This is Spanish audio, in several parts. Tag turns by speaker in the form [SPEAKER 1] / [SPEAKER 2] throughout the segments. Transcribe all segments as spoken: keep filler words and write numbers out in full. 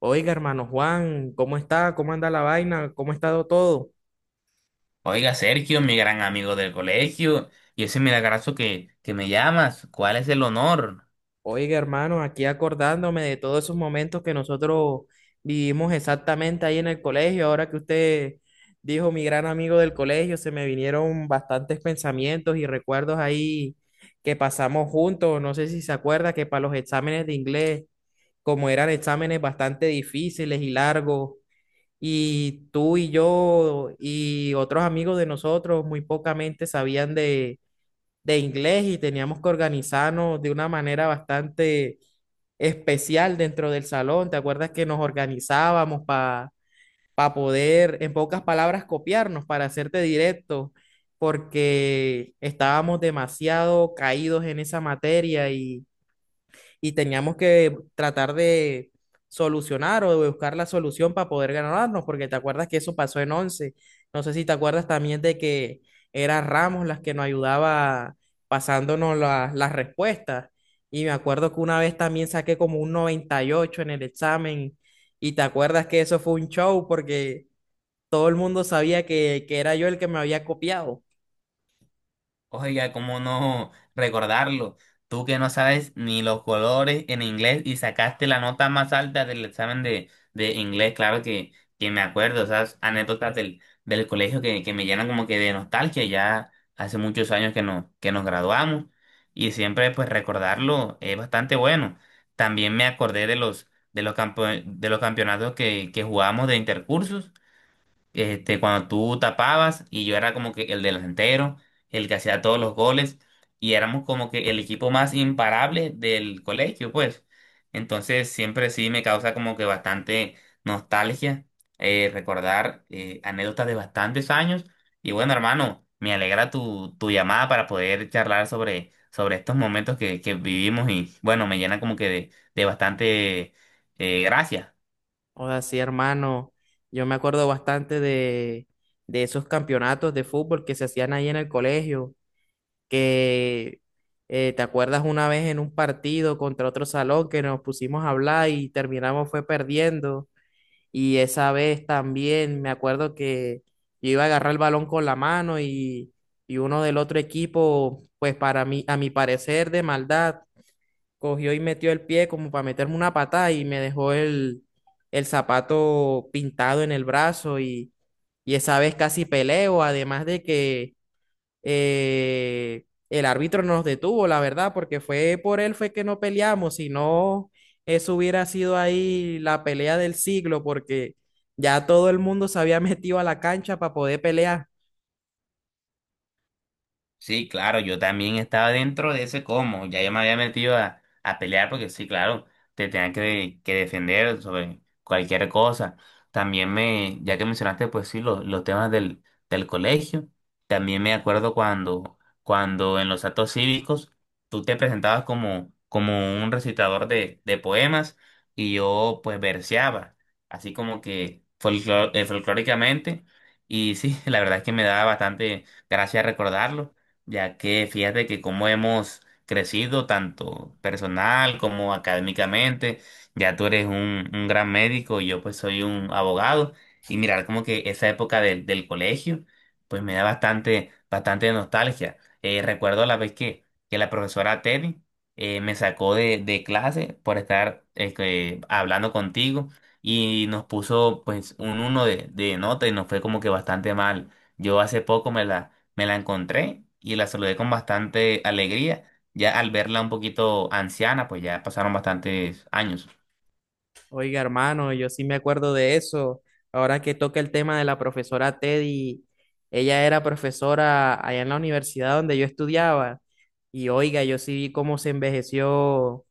[SPEAKER 1] Oiga, hermano Juan, ¿cómo está? ¿Cómo anda la vaina? ¿Cómo ha estado todo?
[SPEAKER 2] Oiga, Sergio, mi gran amigo del colegio, y ese milagroso que, que me llamas, ¿cuál es el honor?
[SPEAKER 1] Oiga, hermano, aquí acordándome de todos esos momentos que nosotros vivimos exactamente ahí en el colegio. Ahora que usted dijo mi gran amigo del colegio, se me vinieron bastantes pensamientos y recuerdos ahí que pasamos juntos. No sé si se acuerda que para los exámenes de inglés, como eran exámenes bastante difíciles y largos, y tú y yo y otros amigos de nosotros muy pocamente sabían de de inglés y teníamos que organizarnos de una manera bastante especial dentro del salón. ¿Te acuerdas que nos organizábamos para poder, en pocas palabras, copiarnos, para hacerte directo? Porque estábamos demasiado caídos en esa materia y y teníamos que tratar de solucionar o de buscar la solución para poder ganarnos, porque te acuerdas que eso pasó en once. No sé si te acuerdas también de que era Ramos las que nos ayudaba pasándonos la- las respuestas. Y me acuerdo que una vez también saqué como un noventa y ocho en el examen. Y te acuerdas que eso fue un show porque todo el mundo sabía que, que era yo el que me había copiado.
[SPEAKER 2] Oiga, ¿cómo no recordarlo? Tú que no sabes ni los colores en inglés y sacaste la nota más alta del examen de, de inglés, claro que, que me acuerdo, esas anécdotas del, del colegio que, que me llenan como que de nostalgia, ya hace muchos años que, no, que nos graduamos y siempre pues recordarlo es bastante bueno. También me acordé de los, de los, campo- de los campeonatos que, que jugábamos de intercursos este, cuando tú tapabas y yo era como que el delantero, el que hacía todos los goles y éramos como que el equipo más imparable del colegio, pues. Entonces siempre sí me causa como que bastante nostalgia, eh, recordar eh, anécdotas de bastantes años. Y bueno, hermano, me alegra tu, tu llamada para poder charlar sobre, sobre estos momentos que, que vivimos y bueno, me llena como que de, de bastante eh, gracia.
[SPEAKER 1] Joda, sí, hermano. Yo me acuerdo bastante de, de esos campeonatos de fútbol que se hacían ahí en el colegio, que eh, te acuerdas una vez en un partido contra otro salón que nos pusimos a hablar y terminamos fue perdiendo. Y esa vez también me acuerdo que yo iba a agarrar el balón con la mano y, y uno del otro equipo, pues para mí, a mi parecer de maldad, cogió y metió el pie como para meterme una patada y me dejó el, el zapato pintado en el brazo y, y esa vez casi peleo, además de que eh, el árbitro nos detuvo, la verdad, porque fue por él fue que no peleamos, si no, eso hubiera sido ahí la pelea del siglo, porque ya todo el mundo se había metido a la cancha para poder pelear.
[SPEAKER 2] Sí, claro, yo también estaba dentro de ese como, ya yo me había metido a, a pelear porque sí, claro, te tenían que, que defender sobre cualquier cosa. También me, ya que mencionaste, pues sí, los, los temas del, del colegio, también me acuerdo cuando, cuando en los actos cívicos tú te presentabas como, como un recitador de, de poemas y yo pues verseaba, así como que folclor- eh, folclóricamente, y sí, la verdad es que me daba bastante gracia recordarlo ya que fíjate que como hemos crecido tanto personal como académicamente, ya tú eres un, un gran médico y yo pues soy un abogado, y mirar como que esa época del, del colegio, pues me da bastante, bastante nostalgia. Eh, recuerdo la vez que, que la profesora Teddy eh, me sacó de, de clase por estar eh, que- hablando contigo y nos puso pues un uno de, de nota y nos fue como que bastante mal. Yo hace poco me la me la encontré y la saludé con bastante alegría. Ya al verla un poquito anciana, pues ya pasaron bastantes años.
[SPEAKER 1] Oiga, hermano, yo sí me acuerdo de eso. Ahora que toca el tema de la profesora Teddy, ella era profesora allá en la universidad donde yo estudiaba. Y oiga, yo sí vi cómo se envejeció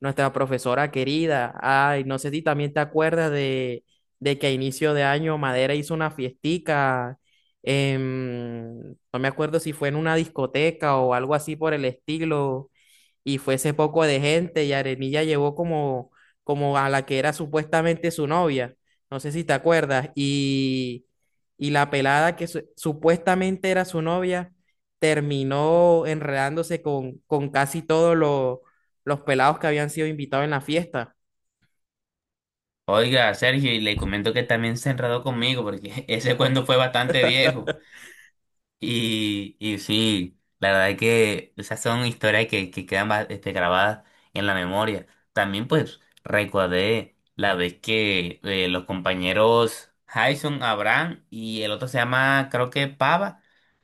[SPEAKER 1] nuestra profesora querida. Ay, no sé si también te acuerdas de, de que a inicio de año Madera hizo una fiestica. en- no me acuerdo si fue en una discoteca o algo así por el estilo y fue ese poco de gente y Arenilla llevó como, como a la que era supuestamente su novia, no sé si te acuerdas, y, y la pelada que su- supuestamente era su novia terminó enredándose con, con casi todos los los pelados que habían sido invitados en la fiesta.
[SPEAKER 2] Oiga, Sergio, y le comento que también se enredó conmigo porque ese cuento fue bastante viejo. Y, y sí, la verdad es que esas son historias que, que quedan ba- este, grabadas en la memoria. También pues recordé la vez que eh, los compañeros Jason, Abraham y el otro se llama creo que Pava,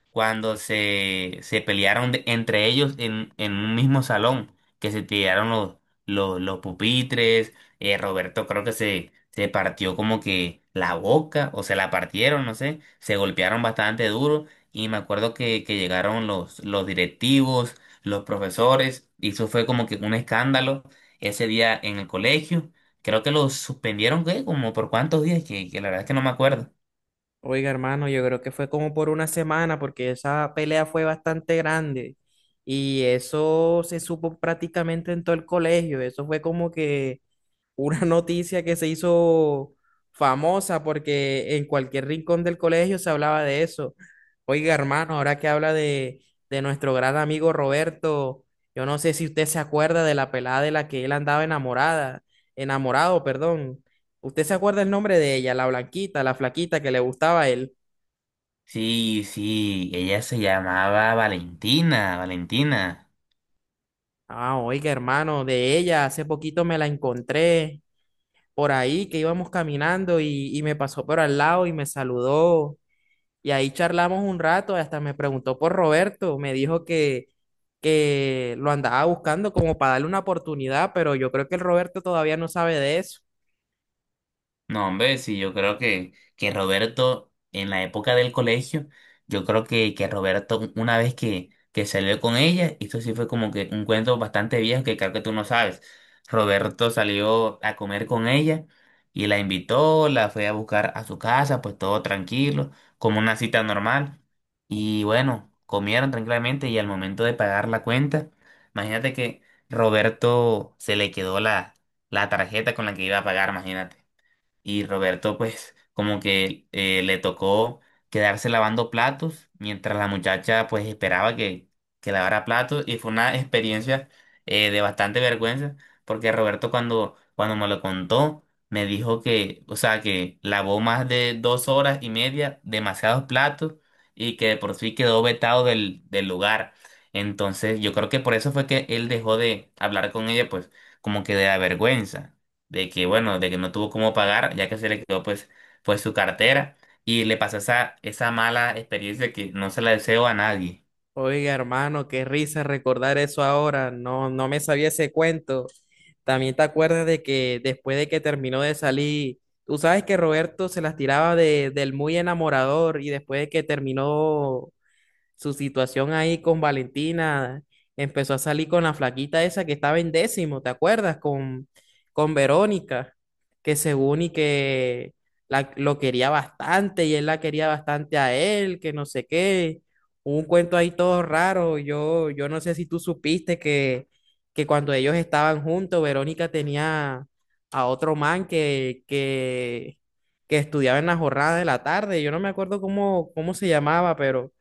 [SPEAKER 2] cuando se, se pelearon de- entre ellos en, en un mismo salón, que se tiraron los, los, los pupitres, eh, Roberto creo que se, se partió como que la boca o se la partieron, no sé, se golpearon bastante duro. Y me acuerdo que, que llegaron los, los directivos, los profesores, y eso fue como que un escándalo ese día en el colegio. Creo que los suspendieron, ¿qué? Como por cuántos días, que, que la verdad es que no me acuerdo.
[SPEAKER 1] Oiga, hermano, yo creo que fue como por una semana porque esa pelea fue bastante grande. Y eso se supo prácticamente en todo el colegio. Eso fue como que una noticia que se hizo famosa porque en cualquier rincón del colegio se hablaba de eso. Oiga, hermano, ahora que habla de, de nuestro gran amigo Roberto, yo no sé si usted se acuerda de la pelada de la que él andaba enamorada, enamorado, perdón. ¿Usted se acuerda el nombre de ella, la blanquita, la flaquita que le gustaba a él?
[SPEAKER 2] Sí, sí, ella se llamaba Valentina, Valentina.
[SPEAKER 1] Ah, oiga, hermano, de ella hace poquito me la encontré por ahí que íbamos caminando y, y me pasó por al lado y me saludó. Y ahí charlamos un rato, hasta me preguntó por Roberto, me dijo que, que lo andaba buscando como para darle una oportunidad, pero yo creo que el Roberto todavía no sabe de eso.
[SPEAKER 2] No, hombre, sí, yo creo que, que Roberto, en la época del colegio, yo creo que, que Roberto, una vez que, que salió con ella, esto sí fue como que un cuento bastante viejo que creo que tú no sabes. Roberto salió a comer con ella y la invitó, la fue a buscar a su casa, pues todo tranquilo, como una cita normal. Y bueno, comieron tranquilamente y al momento de pagar la cuenta, imagínate que Roberto se le quedó la, la tarjeta con la que iba a pagar, imagínate y Roberto pues como que eh, le tocó quedarse lavando platos mientras la muchacha pues esperaba que, que lavara platos y fue una experiencia eh, de bastante vergüenza porque Roberto cuando, cuando me lo contó me dijo que, o sea, que lavó más de dos horas y media demasiados platos y que de por sí quedó vetado del, del lugar. Entonces yo creo que por eso fue que él dejó de hablar con ella pues como que de la vergüenza de que bueno, de que no tuvo cómo pagar, ya que se le quedó pues, pues su cartera y le pasó esa, esa mala experiencia que no se la deseo a nadie.
[SPEAKER 1] Oiga, hermano, qué risa recordar eso ahora, no, no me sabía ese cuento. También te acuerdas de que después de que terminó de salir, tú sabes que Roberto se las tiraba de, del muy enamorador y después de que terminó su situación ahí con Valentina, empezó a salir con la flaquita esa que estaba en décimo, ¿te acuerdas? Con, con Verónica, que según y que la- lo quería bastante y él la quería bastante a él, que no sé qué. Hubo un cuento ahí todo raro. Yo, yo no sé si tú supiste que, que cuando ellos estaban juntos, Verónica tenía a otro man que, que, que estudiaba en la jornada de la tarde. Yo no me acuerdo cómo, cómo se llamaba, pero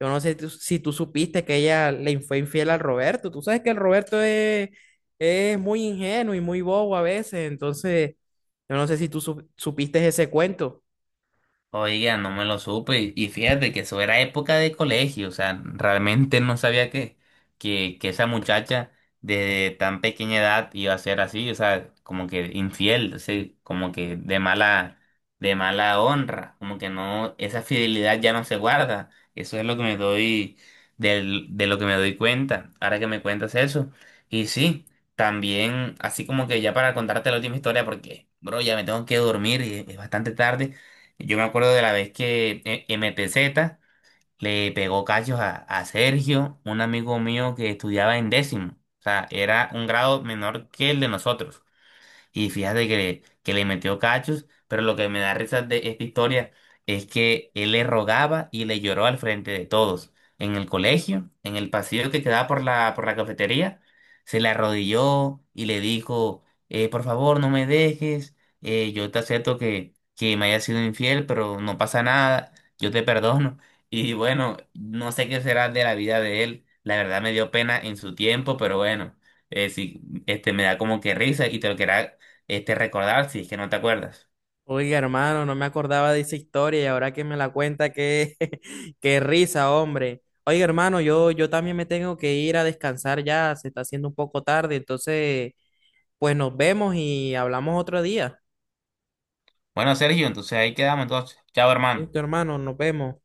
[SPEAKER 1] yo no sé tú- si tú supiste que ella le fue infiel al Roberto. Tú sabes que el Roberto es, es muy ingenuo y muy bobo a veces. Entonces, yo no sé si tú sup- supiste ese cuento.
[SPEAKER 2] Oiga, no me lo supe. Y y fíjate que eso era época de colegio. O sea, realmente no sabía que, que, que esa muchacha de tan pequeña edad iba a ser así. O sea, como que infiel, sí, como que de mala, de mala honra. Como que no, esa fidelidad ya no se guarda. Eso es lo que me doy, del, de lo que me doy cuenta. Ahora que me cuentas eso. Y sí, también, así como que ya para contarte la última historia, porque, bro, ya me tengo que dormir y es bastante tarde. Yo me acuerdo de la vez que eh, M P Z le pegó cachos a, a Sergio, un amigo mío que estudiaba en décimo. O sea, era un grado menor que el de nosotros y fíjate que le, que le metió cachos, pero lo que me da risa de esta historia es que él le rogaba y le lloró al frente de todos. En el colegio, en el pasillo que quedaba por la, por la cafetería, se le arrodilló y le dijo, eh, por favor, no me dejes, eh, yo te acepto que, que me haya sido infiel, pero no pasa nada, yo te perdono. Y bueno, no sé qué será de la vida de él. La verdad me dio pena en su tiempo, pero bueno, eh, sí, este, me da como que risa y te lo quería este, recordar si es que no te acuerdas.
[SPEAKER 1] Oiga, hermano, no me acordaba de esa historia y ahora que me la cuenta, qué, qué risa, hombre. Oiga, hermano, yo, yo también me tengo que ir a descansar ya. Se está haciendo un poco tarde. Entonces, pues nos vemos y hablamos otro día.
[SPEAKER 2] Bueno, Sergio, entonces ahí quedamos entonces. Chao, hermano.
[SPEAKER 1] Listo, hermano, nos vemos.